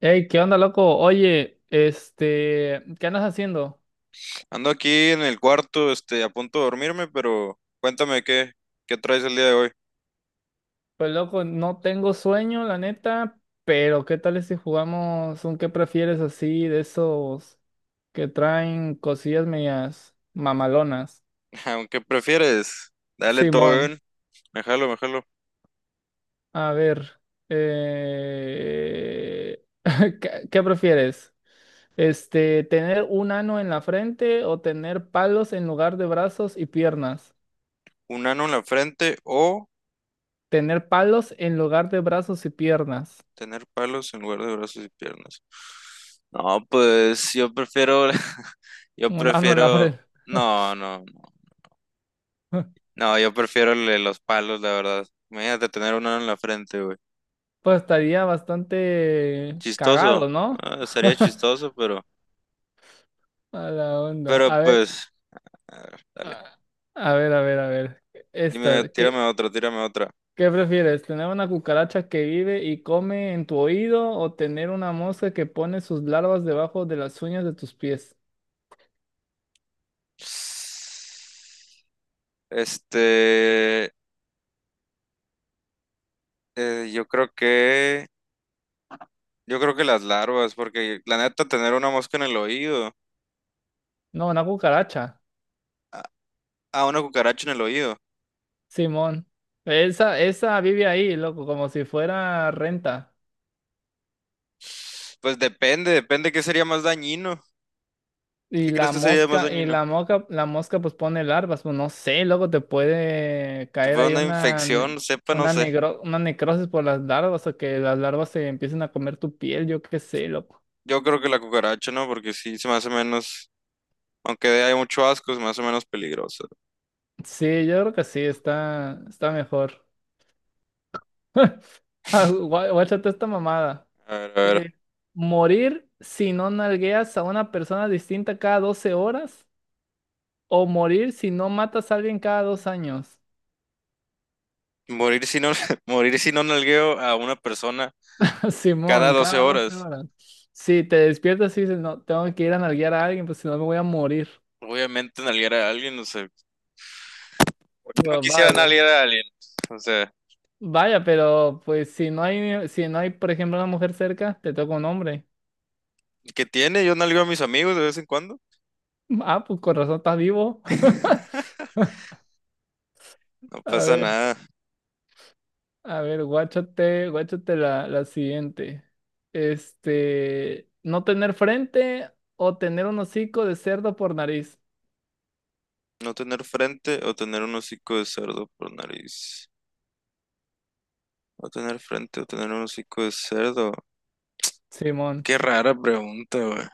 Ey, ¿qué onda, loco? Oye, ¿qué andas haciendo? Ando aquí en el cuarto, a punto de dormirme, pero cuéntame qué traes el día de hoy. Pues, loco, no tengo sueño, la neta, pero ¿qué tal si jugamos un qué prefieres así de esos que traen cosillas medias mamalonas? Aunque prefieres, dale todo Simón, bien, me jalo. a ver, eh, ¿ qué prefieres? Este, ¿tener un ano en la frente o tener palos en lugar de brazos y piernas? Un ano en la frente o Tener palos en lugar de brazos y piernas. tener palos en lugar de brazos y piernas. No, pues yo prefiero, yo Un ano en la pared. prefiero, no, no, no, no, yo prefiero el de los palos, la verdad. Imagínate tener un ano en la frente, güey. Pues estaría bastante Chistoso, cagado, ¿no? Estaría chistoso, pero, A la onda. pero A ver, pues, a ver, dale. a a ver, a ver. Dime, Esta, ¿ tírame otra. qué prefieres? ¿Tener una cucaracha que vive y come en tu oído o tener una mosca que pone sus larvas debajo de las uñas de tus pies? Este, eh, yo creo que, yo creo que las larvas, porque la neta tener una mosca en el oído, No, una cucaracha. a, a una cucaracha en el oído, Simón. Esa vive ahí, loco, como si fuera renta. pues depende qué sería más dañino. ¿Qué crees que sería más Y dañino? La mosca pues pone larvas, pues no sé, luego te puede Si caer fuera ahí una una, infección, sepa, no una, sé. negro, una necrosis por las larvas o que las larvas se empiecen a comer tu piel, yo qué sé, loco. Yo creo que la cucaracha, ¿no? Porque sí, se me hace menos, aunque hay mucho asco, se me hace menos peligroso. Sí, yo creo que sí, está mejor. Ah, Guáchate esta mamada. A ver, a ver. Eh, morir si no nalgueas a una persona distinta cada 12 horas o morir si no matas a alguien cada dos años. Morir si no, morir si no nalgueo a una persona cada Simón, 12 cada 12 horas. horas. Si te despiertas y dices, no, tengo que ir a nalguear a alguien, pues si no me voy a morir. Obviamente nalguear a alguien, no sé. ¿Por no Bueno, quisiera vaya. nalguear a alguien? O sea, Vaya, pero pues si no hay, por ejemplo, una mujer cerca, te toca un hombre. ¿qué tiene? Yo nalgueo a mis amigos de vez en cuando. Ah, pues con razón estás vivo. No A pasa ver, nada. a ver, guáchate la siguiente. Este, no tener frente o tener un hocico de cerdo por nariz. No tener frente o tener un hocico de cerdo por nariz. No tener frente o tener un hocico de cerdo. Simón. Qué rara pregunta, güey.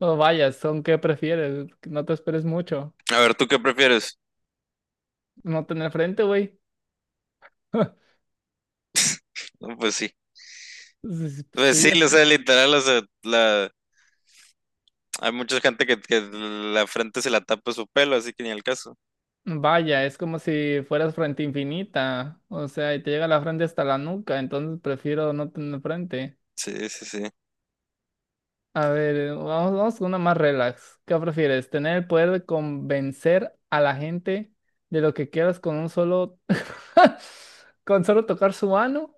No vayas, ¿son qué prefieres? No te esperes mucho. A ver, ¿tú qué prefieres? No tener frente, güey. No, pues sí. s- Pues Sí, sí, es, o sea, literal, o sea, la... hay mucha gente que la frente se la tapa su pelo, así que ni al caso. vaya, es como si fueras frente infinita, o sea, y te llega la frente hasta la nuca, entonces prefiero no tener frente. Sí, sí, sí. A ver, vamos, vamos con una más relax. ¿Qué prefieres? ¿Tener el poder de convencer a la gente de lo que quieras con solo tocar su mano?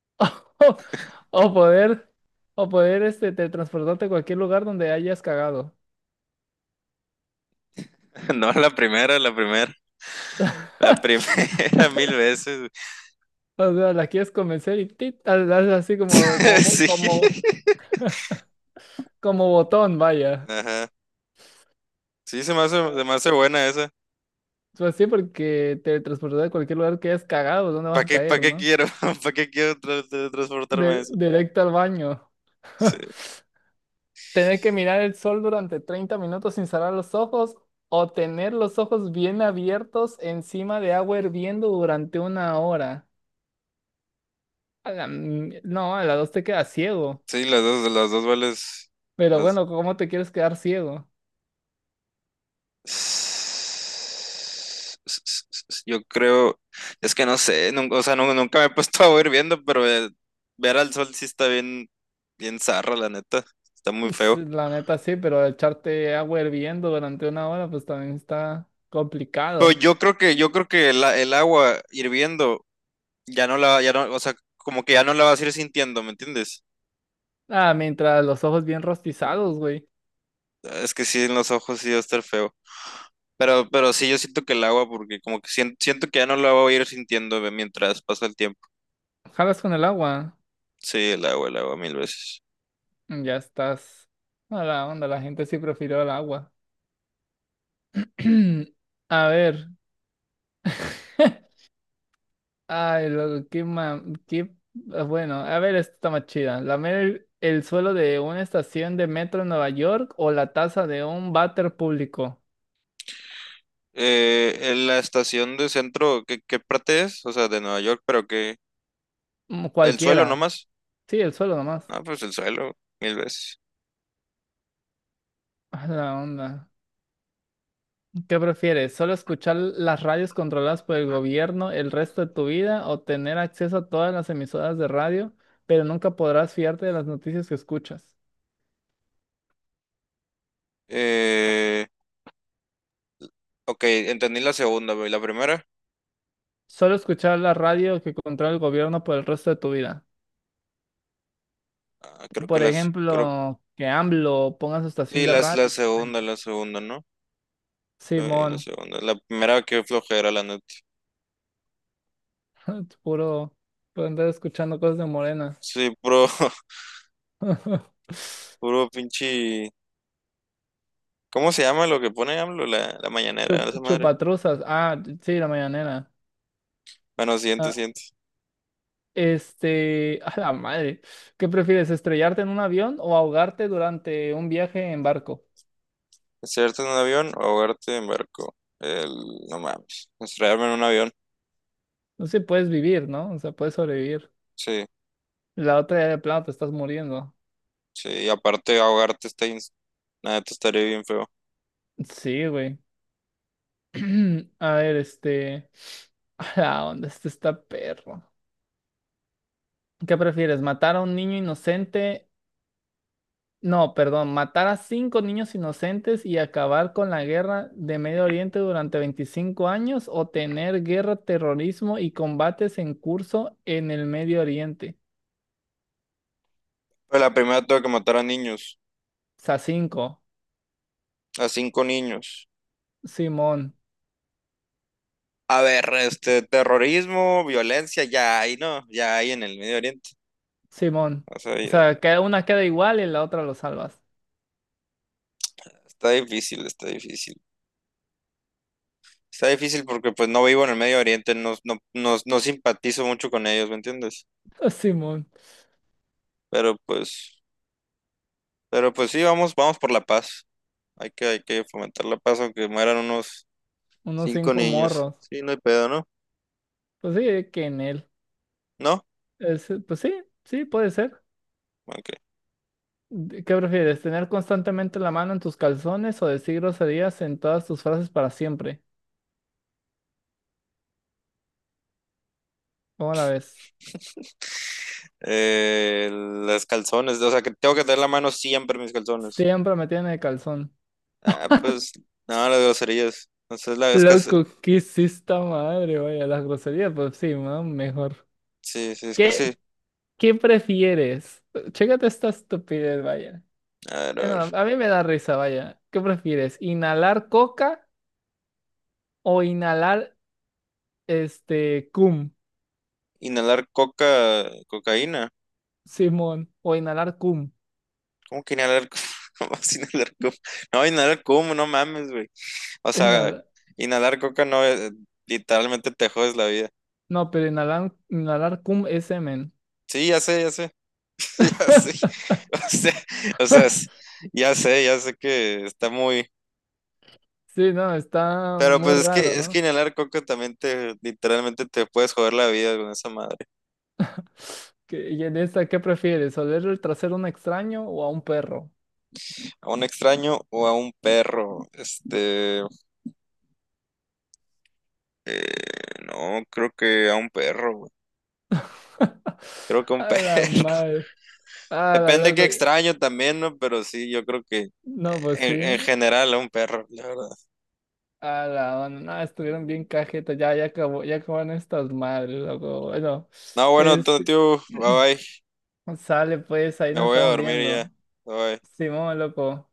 ¿O, o poder, o poder teletransportarte a cualquier lugar donde hayas cagado? No, la primera. La primera mil veces. O sea, la quieres convencer y tit, la haces así Güey. Sí. como, Como botón, vaya. Ajá. Sí, se me hace buena esa. Pues sí, porque teletransportar a cualquier lugar que hayas cagado, ¿dónde ¿Para vas a para caer, qué no? quiero? ¿Para qué quiero transportarme a eso? Directo al baño. Sí, Tener que mirar el sol durante 30 minutos sin cerrar los ojos o tener los ojos bien abiertos encima de agua hirviendo durante una hora. No, a las dos te quedas ciego. sí, las dos vales. Pero las- bueno, ¿cómo te quieres quedar ciego? Yo creo, es que no sé, o sea, nunca me he puesto a hirviendo, pero ver al sol sí está bien zarra, la neta. Está muy feo. Sí, la neta sí, pero echarte agua hirviendo durante una hora, pues también está Pero complicado. Yo creo que el agua hirviendo ya no, o sea, como que ya no la vas a ir sintiendo, ¿me entiendes? Ah, mientras los ojos bien rostizados, güey. Es que sí, en los ojos sí va a estar feo. Pero sí, yo siento que el agua, porque como que siento que ya no la voy a ir sintiendo ve, mientras pasa el tiempo. Jalas con el agua. Sí, el agua, mil veces. Ya estás. A la onda, la gente sí prefirió el agua. A ver. Ay, loco, qué ma... qué... ah, Bueno, a ver, esta está más chida. ¿Lamer el suelo de una estación de metro en Nueva York o la taza de un váter público? En la estación de centro, qué parte es? O sea, de Nueva York, pero que... Mm, ¿El suelo cualquiera. nomás? Sí, el suelo nomás. No, pues el suelo, mil veces. A la onda. ¿Qué prefieres? ¿Solo escuchar las radios controladas por el gobierno el resto de tu vida o tener acceso a todas las emisoras de radio, pero nunca podrás fiarte de las noticias que escuchas? Eh, ok, entendí la segunda, güey. ¿La primera? Solo escuchar la radio que controla el gobierno por el resto de tu vida. Ah, creo que Por las... Creo, ejemplo, que AMLO ponga su estación sí, de radio. Ay, la segunda, ¿no? Sí, la Simón, segunda. La primera, qué flojera, la neta. puro, por andar escuchando cosas de morenas. Sí, puro, puro pinche... ¿Cómo se llama lo que pone AMLO? La mañanera, esa madre. chupatruzas. Ah, sí, la mañanera. Bueno, Ah, siguiente. A la madre, ¿qué prefieres, estrellarte en un avión o ahogarte durante un viaje en barco? ¿Estrellarte en un avión o ahogarte en barco? No mames. Estrellarme en un avión. No sé, puedes vivir, ¿no? O sea, puedes sobrevivir. Sí, La otra ya de plano te estás muriendo. sí. Y aparte, ahogarte está, nada, te estaría bien feo. Sí, güey. A ver, a la onda, este está perro. ¿Qué prefieres, matar a un niño inocente No, perdón, matar a cinco niños inocentes y acabar con la guerra de Medio Oriente durante 25 años o tener guerra, terrorismo y combates en curso en el Medio Oriente. Pero la primera tuve que matar a niños. O sea, cinco. A 5 niños. Simón, A ver, este, terrorismo, violencia, ya hay, ¿no? Ya hay en el Medio Oriente. Simón. O sea, O sea, que una queda igual y la otra lo salvas. está está difícil. Está difícil porque pues no vivo en el Medio Oriente, no, no, no, no simpatizo mucho con ellos, ¿me entiendes? Simón, Pero pues... Pero pues sí, vamos por la paz. Hay que fomentar la paz, aunque mueran unos unos cinco cinco niños. morros. Sí, no hay pedo, ¿no? Pues sí, que en él. ¿No? Pues sí, sí, puede ser. Ok. ¿Qué prefieres? ¿Tener constantemente la mano en tus calzones o decir groserías en todas tus frases para siempre? ¿Cómo la ves? Las calzones, o sea, que tengo que tener la mano siempre en mis calzones. Siempre me tiene de calzón. Ah, pues, no, las groserías. Entonces, la es casi, Loco, ¿qué es esta madre? Vaya, las groserías, pues sí, ¿no? Mejor. sí, sí, es casi. ¿Qué, qué prefieres? Chécate esta estupidez, vaya. A ver, a ver. No, a mí me da risa, vaya. ¿Qué prefieres? ¿Inhalar coca o inhalar este cum, Inhalar coca, cocaína. Simón? O inhalar cum. ¿Cómo que inhalar? ¿Cómo vas inhalar coca? No, inhalar como, no mames, güey. O sea, Inhala- inhalar coca no, literalmente te jodes la vida. No, pero inhalar cum es semen. Sí, ya sé. Ya sé, o sea, o sea, es- ya sé que está muy, Sí, no, está pero muy pues raro, es que ¿no? inhalar coca también te literalmente te puedes joder la vida con esa madre. ¿Y en esta qué prefieres? ¿Oler el trasero a un extraño o a un perro? A un extraño o a un perro, eh, no, creo que a un perro, güey. Creo que a un A perro. la madre. A la Depende qué loco. extraño también, ¿no? Pero sí, yo creo que No, pues sí. En general a un perro, la verdad. A la onda. No, estuvieron bien cajetas. Ya acabó, ya acabaron estas madres, loco. Bueno, No, bueno, este. tío, bye bye. Sale pues, ahí Me nos voy a estamos dormir viendo. ya. Bye, bye. Simón, loco.